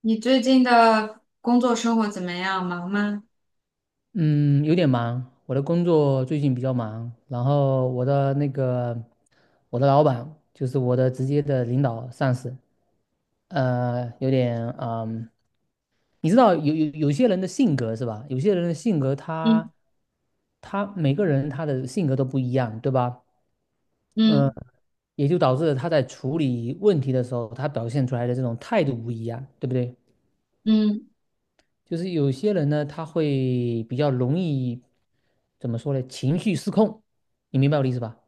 你最近的工作生活怎么样？忙吗？嗯，有点忙，我的工作最近比较忙，然后我的老板就是我的直接的领导上司，有点你知道有些人的性格是吧？有些人的性格嗯他每个人他的性格都不一样，对吧？嗯，嗯也就导致了他在处理问题的时候，他表现出来的这种态度不一样，对不对？嗯，就是有些人呢，他会比较容易，怎么说呢？情绪失控，你明白我的意思吧？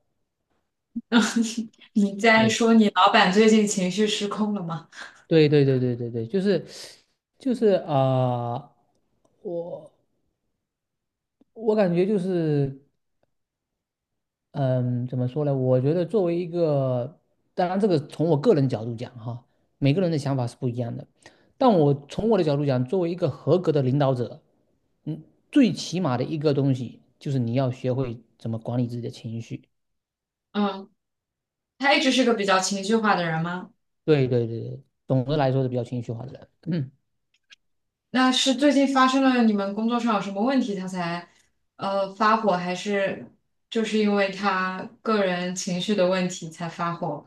你在对，说你老板最近情绪失控了吗？对，对，对，对，对，对，就是，就是啊、我我感觉就是，嗯，怎么说呢？我觉得作为一个，当然这个从我个人角度讲哈，每个人的想法是不一样的，但我从我的角度讲，作为一个合格的领导者，嗯，最起码的一个东西就是你要学会怎么管理自己的情绪。嗯，他一直是个比较情绪化的人吗？对对对对，总的来说是比较情绪化的人。嗯那是最近发生了你们工作上有什么问题，他才发火，还是就是因为他个人情绪的问题才发火？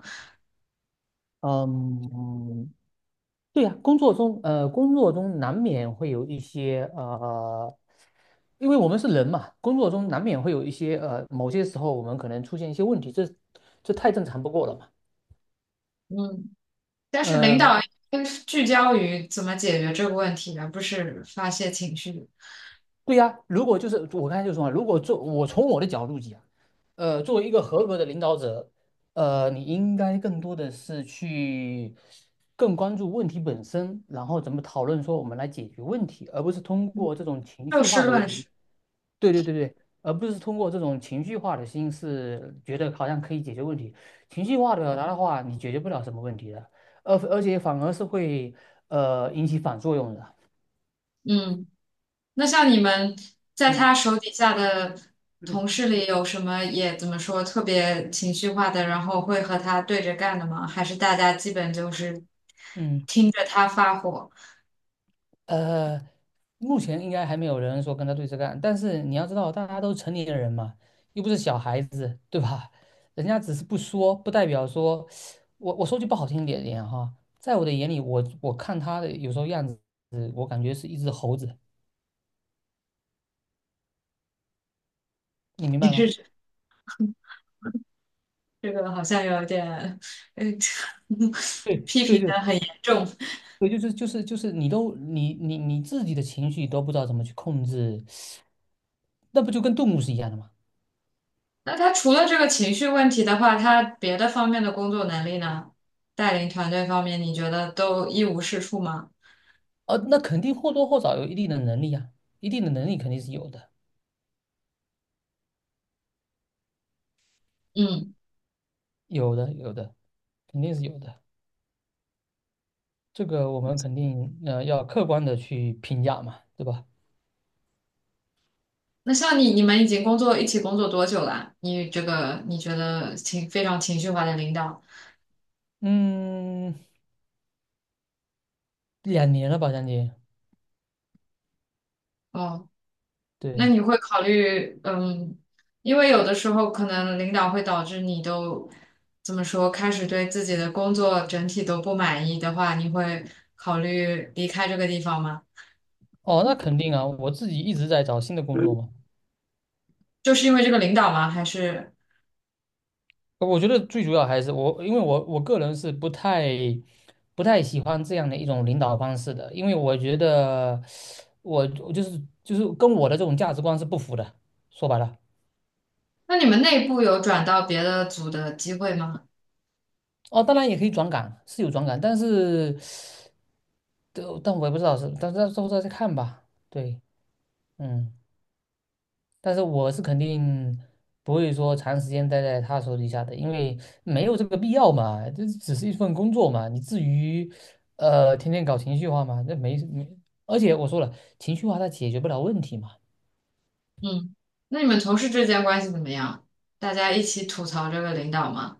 嗯，对呀、工作中工作中难免会有一些因为我们是人嘛，工作中难免会有一些某些时候我们可能出现一些问题，这太正常不过了嘛。嗯，但是领呃，导应该是聚焦于怎么解决这个问题，而不是发泄情绪，对呀、如果就是我刚才就说嘛，如果做我从我的角度讲，作为一个合格的领导者，你应该更多的是去更关注问题本身，然后怎么讨论说我们来解决问题，而不是通过这种情就绪事化的一论种事。对对对对，而不是通过这种情绪化的心思，觉得好像可以解决问题。情绪化的表达的话，你解决不了什么问题的，而且反而是会引起反作用的。嗯。那像你们在嗯他手底下的嗯。同事里，有什么也怎么说特别情绪化的，然后会和他对着干的吗？还是大家基本就是嗯听着他发火？呃，目前应该还没有人说跟他对着干，但是你要知道，大家都是成年人嘛，又不是小孩子，对吧？人家只是不说，不代表说，我说句不好听点点哈，在我的眼里，我看他的有时候样子，我感觉是一只猴子，你 明你白吗？是这个好像有点，嗯，对批对评对的很严重。对，就是就是就是，你都你你你自己的情绪都不知道怎么去控制，那不就跟动物是一样的吗？那他除了这个情绪问题的话，他别的方面的工作能力呢？带领团队方面，你觉得都一无是处吗？那肯定或多或少有一定的能力啊，一定的能力肯定是有的。嗯。有的，有的，肯定是有的。这个我们肯定要客观的去评价嘛，对吧？那像你，你们已经工作一起工作多久啦？你这个你觉得情非常情绪化的领导，嗯，两年了吧，将近。哦，那对，你会考虑，嗯，因为有的时候可能领导会导致你都怎么说，开始对自己的工作整体都不满意的话，你会考虑离开这个地方吗？哦，那肯定啊，我自己一直在找新的工作嘛。就是因为这个领导吗？还是我觉得最主要还是我，因为我个人是不太喜欢这样的一种领导方式的，因为我觉得我就是跟我的这种价值观是不符的。说白了，那你们内部有转到别的组的机会吗？哦，当然也可以转岗，是有转岗，但是我也不知道是，但是到时候再看吧。对。嗯，但是我是肯定不会说长时间待在他手底下的，因为没有这个必要嘛，这只是一份工作嘛，你至于天天搞情绪化嘛，那没没，而且我说了，情绪化它解决不了问题嘛，嗯，那你们同事之间关系怎么样？大家一起吐槽这个领导吗？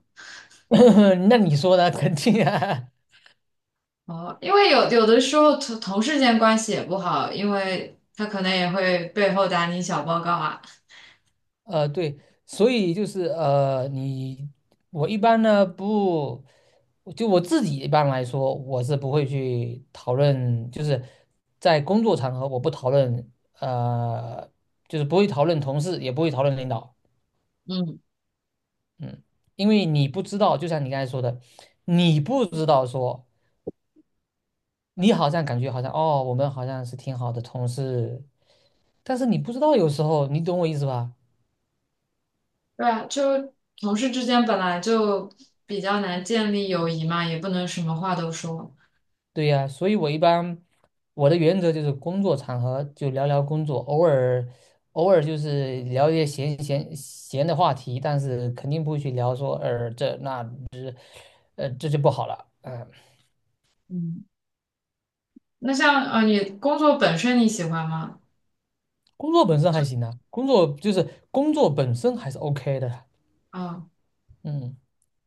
那你说呢？肯定啊，哦，因为有的时候同事间关系也不好，因为他可能也会背后打你小报告啊。对，所以就是你我一般呢不，就我自己一般来说，我是不会去讨论，就是在工作场合我不讨论，呃，就是不会讨论同事，也不会讨论领导，嗯，嗯，因为你不知道，就像你刚才说的，你不知道说你好像感觉好像哦，我们好像是挺好的同事，但是你不知道有时候，你懂我意思吧？对啊，就同事之间本来就比较难建立友谊嘛，也不能什么话都说。对呀，所以我一般。我的原则就是工作场合就聊聊工作，偶尔就是聊一些闲的话题，但是肯定不会去聊说，这那这就不好了。嗯、嗯，那像你工作本身你喜欢吗？工作本身还就行啊，工作就是工作本身还是 OK 的。啊、嗯。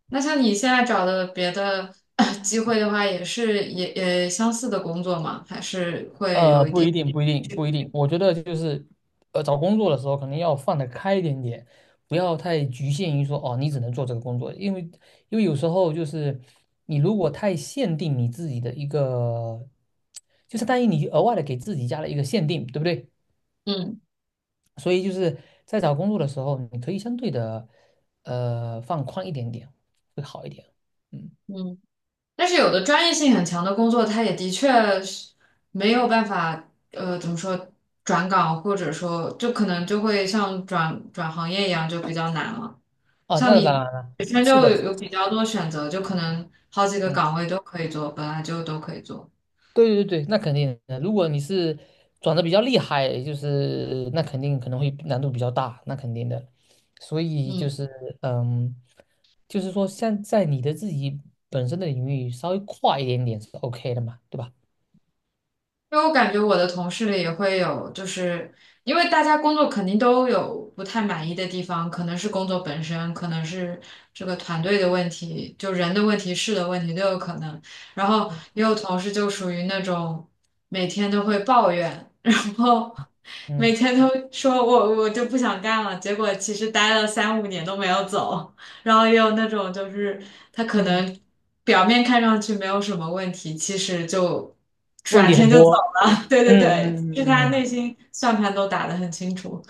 那像你现在找的别的 机会的话，也是也也相似的工作吗？还是会有一不点一定，不一定，不一定。我觉得就是，找工作的时候可能要放得开一点点，不要太局限于说哦，你只能做这个工作，因为有时候就是你如果太限定你自己的一个，就相当于你额外的给自己加了一个限定，对不对？嗯所以就是在找工作的时候，你可以相对的放宽一点点，会好一点。嗯，嗯。但是有的专业性很强的工作，它也的确是没有办法，怎么说转岗，或者说就可能就会像转行业一样，就比较难了。哦，像那当你然了，本身就是的，有比较多选择，就可能好几个嗯。岗位都可以做，本来就都可以做。对对对，那肯定的。如果你是转的比较厉害，就是那肯定可能会难度比较大，那肯定的。所以就嗯。是嗯，就是说像在你的自己本身的领域稍微快一点点是 OK 的嘛，对吧？因为我感觉我的同事里也会有，就是因为大家工作肯定都有不太满意的地方，可能是工作本身，可能是这个团队的问题，就人的问题、事的问题都有可能。然后嗯也有同事就属于那种每天都会抱怨，然后每嗯天都说我就不想干了，结果其实待了三五年都没有走。然后也有那种就是他可嗯，能表面看上去没有什么问题，其实就问转题天很就走多。了。对对嗯对，就是他嗯嗯内心算盘都打得很清楚。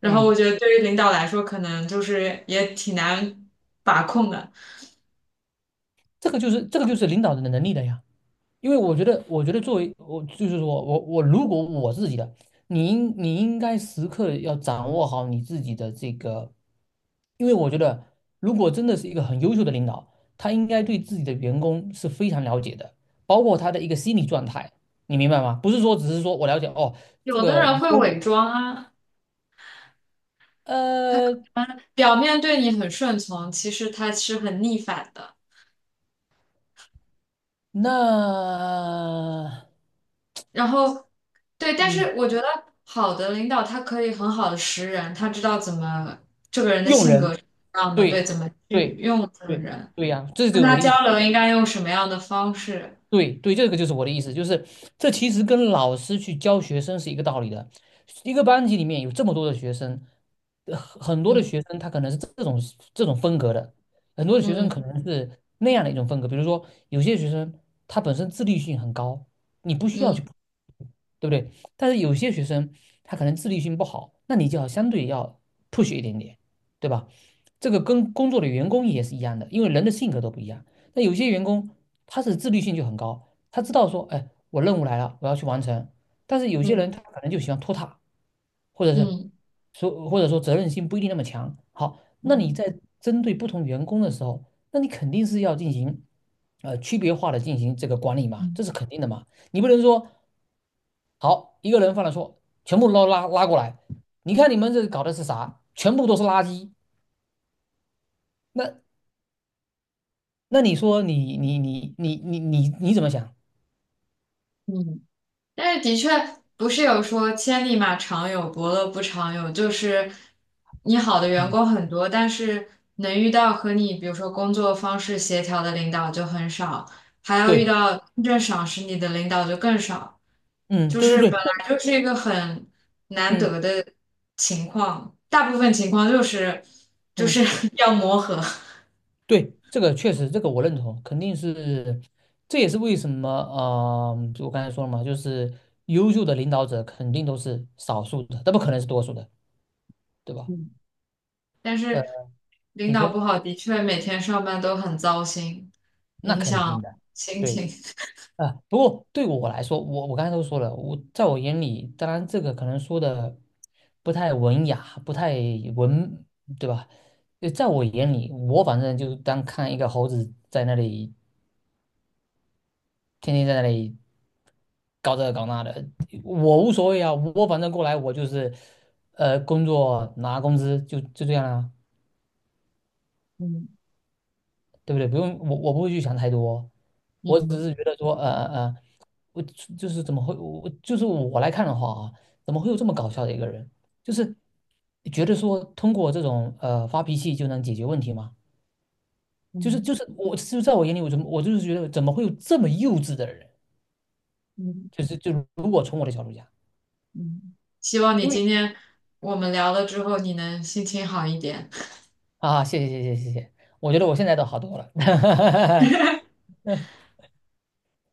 然后嗯，我觉得对于领导来说，可能就是也挺难把控的。这个就是领导的能力的呀。因为我觉得，作为我就是我我我，如果我自己的，你应该时刻要掌握好你自己的这个，因为我觉得，如果真的是一个很优秀的领导，他应该对自己的员工是非常了解的，包括他的一个心理状态，你明白吗？不是说只是说我了解哦，这有的个人员会工，伪装啊，呃，嗯表面对你很顺从，其实他是很逆反的。那然后，对，但嗯，是我觉得好的领导他可以很好的识人，他知道怎么。用人，样的，对，对，怎么去对，用这个对，人，对呀，这就跟是我他的意交流思。应该用什么样的方式？对对，这个就是我的意思，就是这其实跟老师去教学生是一个道理的。一个班级里面有这么多的学生，很多的学生他可能是这种风格的，很多的学生嗯可能是那样的一种风格。比如说，有些学生他本身自律性很高，你不需要嗯去，对不对？但是有些学生他可能自律性不好，那你就要相对要 push 一点点，对吧？这个跟工作的员工也是一样的，因为人的性格都不一样。那有些员工他是自律性就很高，他知道说，哎，我任务来了，我要去完成。但是有些嗯人他可能就喜欢拖沓，或者嗯是嗯或者说责任心不一定那么强。好，那你嗯在针对不同员工的时候，那你肯定是要进行区别化的进行这个管理嗯嘛，这是嗯。肯定的嘛。你不能说好一个人犯了错，全部捞拉拉过来，你看你们这搞的是啥？全部都是垃圾。那你说你怎么想？嗯。但是的确不是有说千里马常有，伯乐不常有，就是你好的员嗯。工很多，但是能遇到和你比如说工作方式协调的领导就很少，还要遇对。到真正赏识你的领导就更少，嗯，就对是对本对，来就是一个很难嗯得的情况，大部分情况就是就是 嗯，要磨合，对，这个确实，这个我认同，肯定是，这也是为什么，就我刚才说了嘛，就是优秀的领导者肯定都是少数的，那不可能是多数的，对吧？嗯，但呃，是领你说导不好，的确每天上班都很糟心，那影肯定响的，心对情。啊，不过对我来说，我刚才都说了，我在我眼里，当然这个可能说的不太文雅，不太文，对吧？在我眼里，我反正就是当看一个猴子在那里。天天在那里搞这个搞那的，我无所谓啊，我反正过来我就是，工作拿工资就这样啊，嗯对不对？不用我不会去想太多，我嗯只是觉得说，我就是怎么会我就是我来看的话啊，怎么会有这么搞笑的一个人？就是觉得说通过这种发脾气就能解决问题吗？嗯就是我就在我眼里，我怎么我就是觉得怎么会有这么幼稚的人？嗯就如果从我的角度讲。嗯，希望你因为。今天我们聊了之后，你能心情好一点。啊，谢谢谢谢谢谢，我觉得我现在都好多了。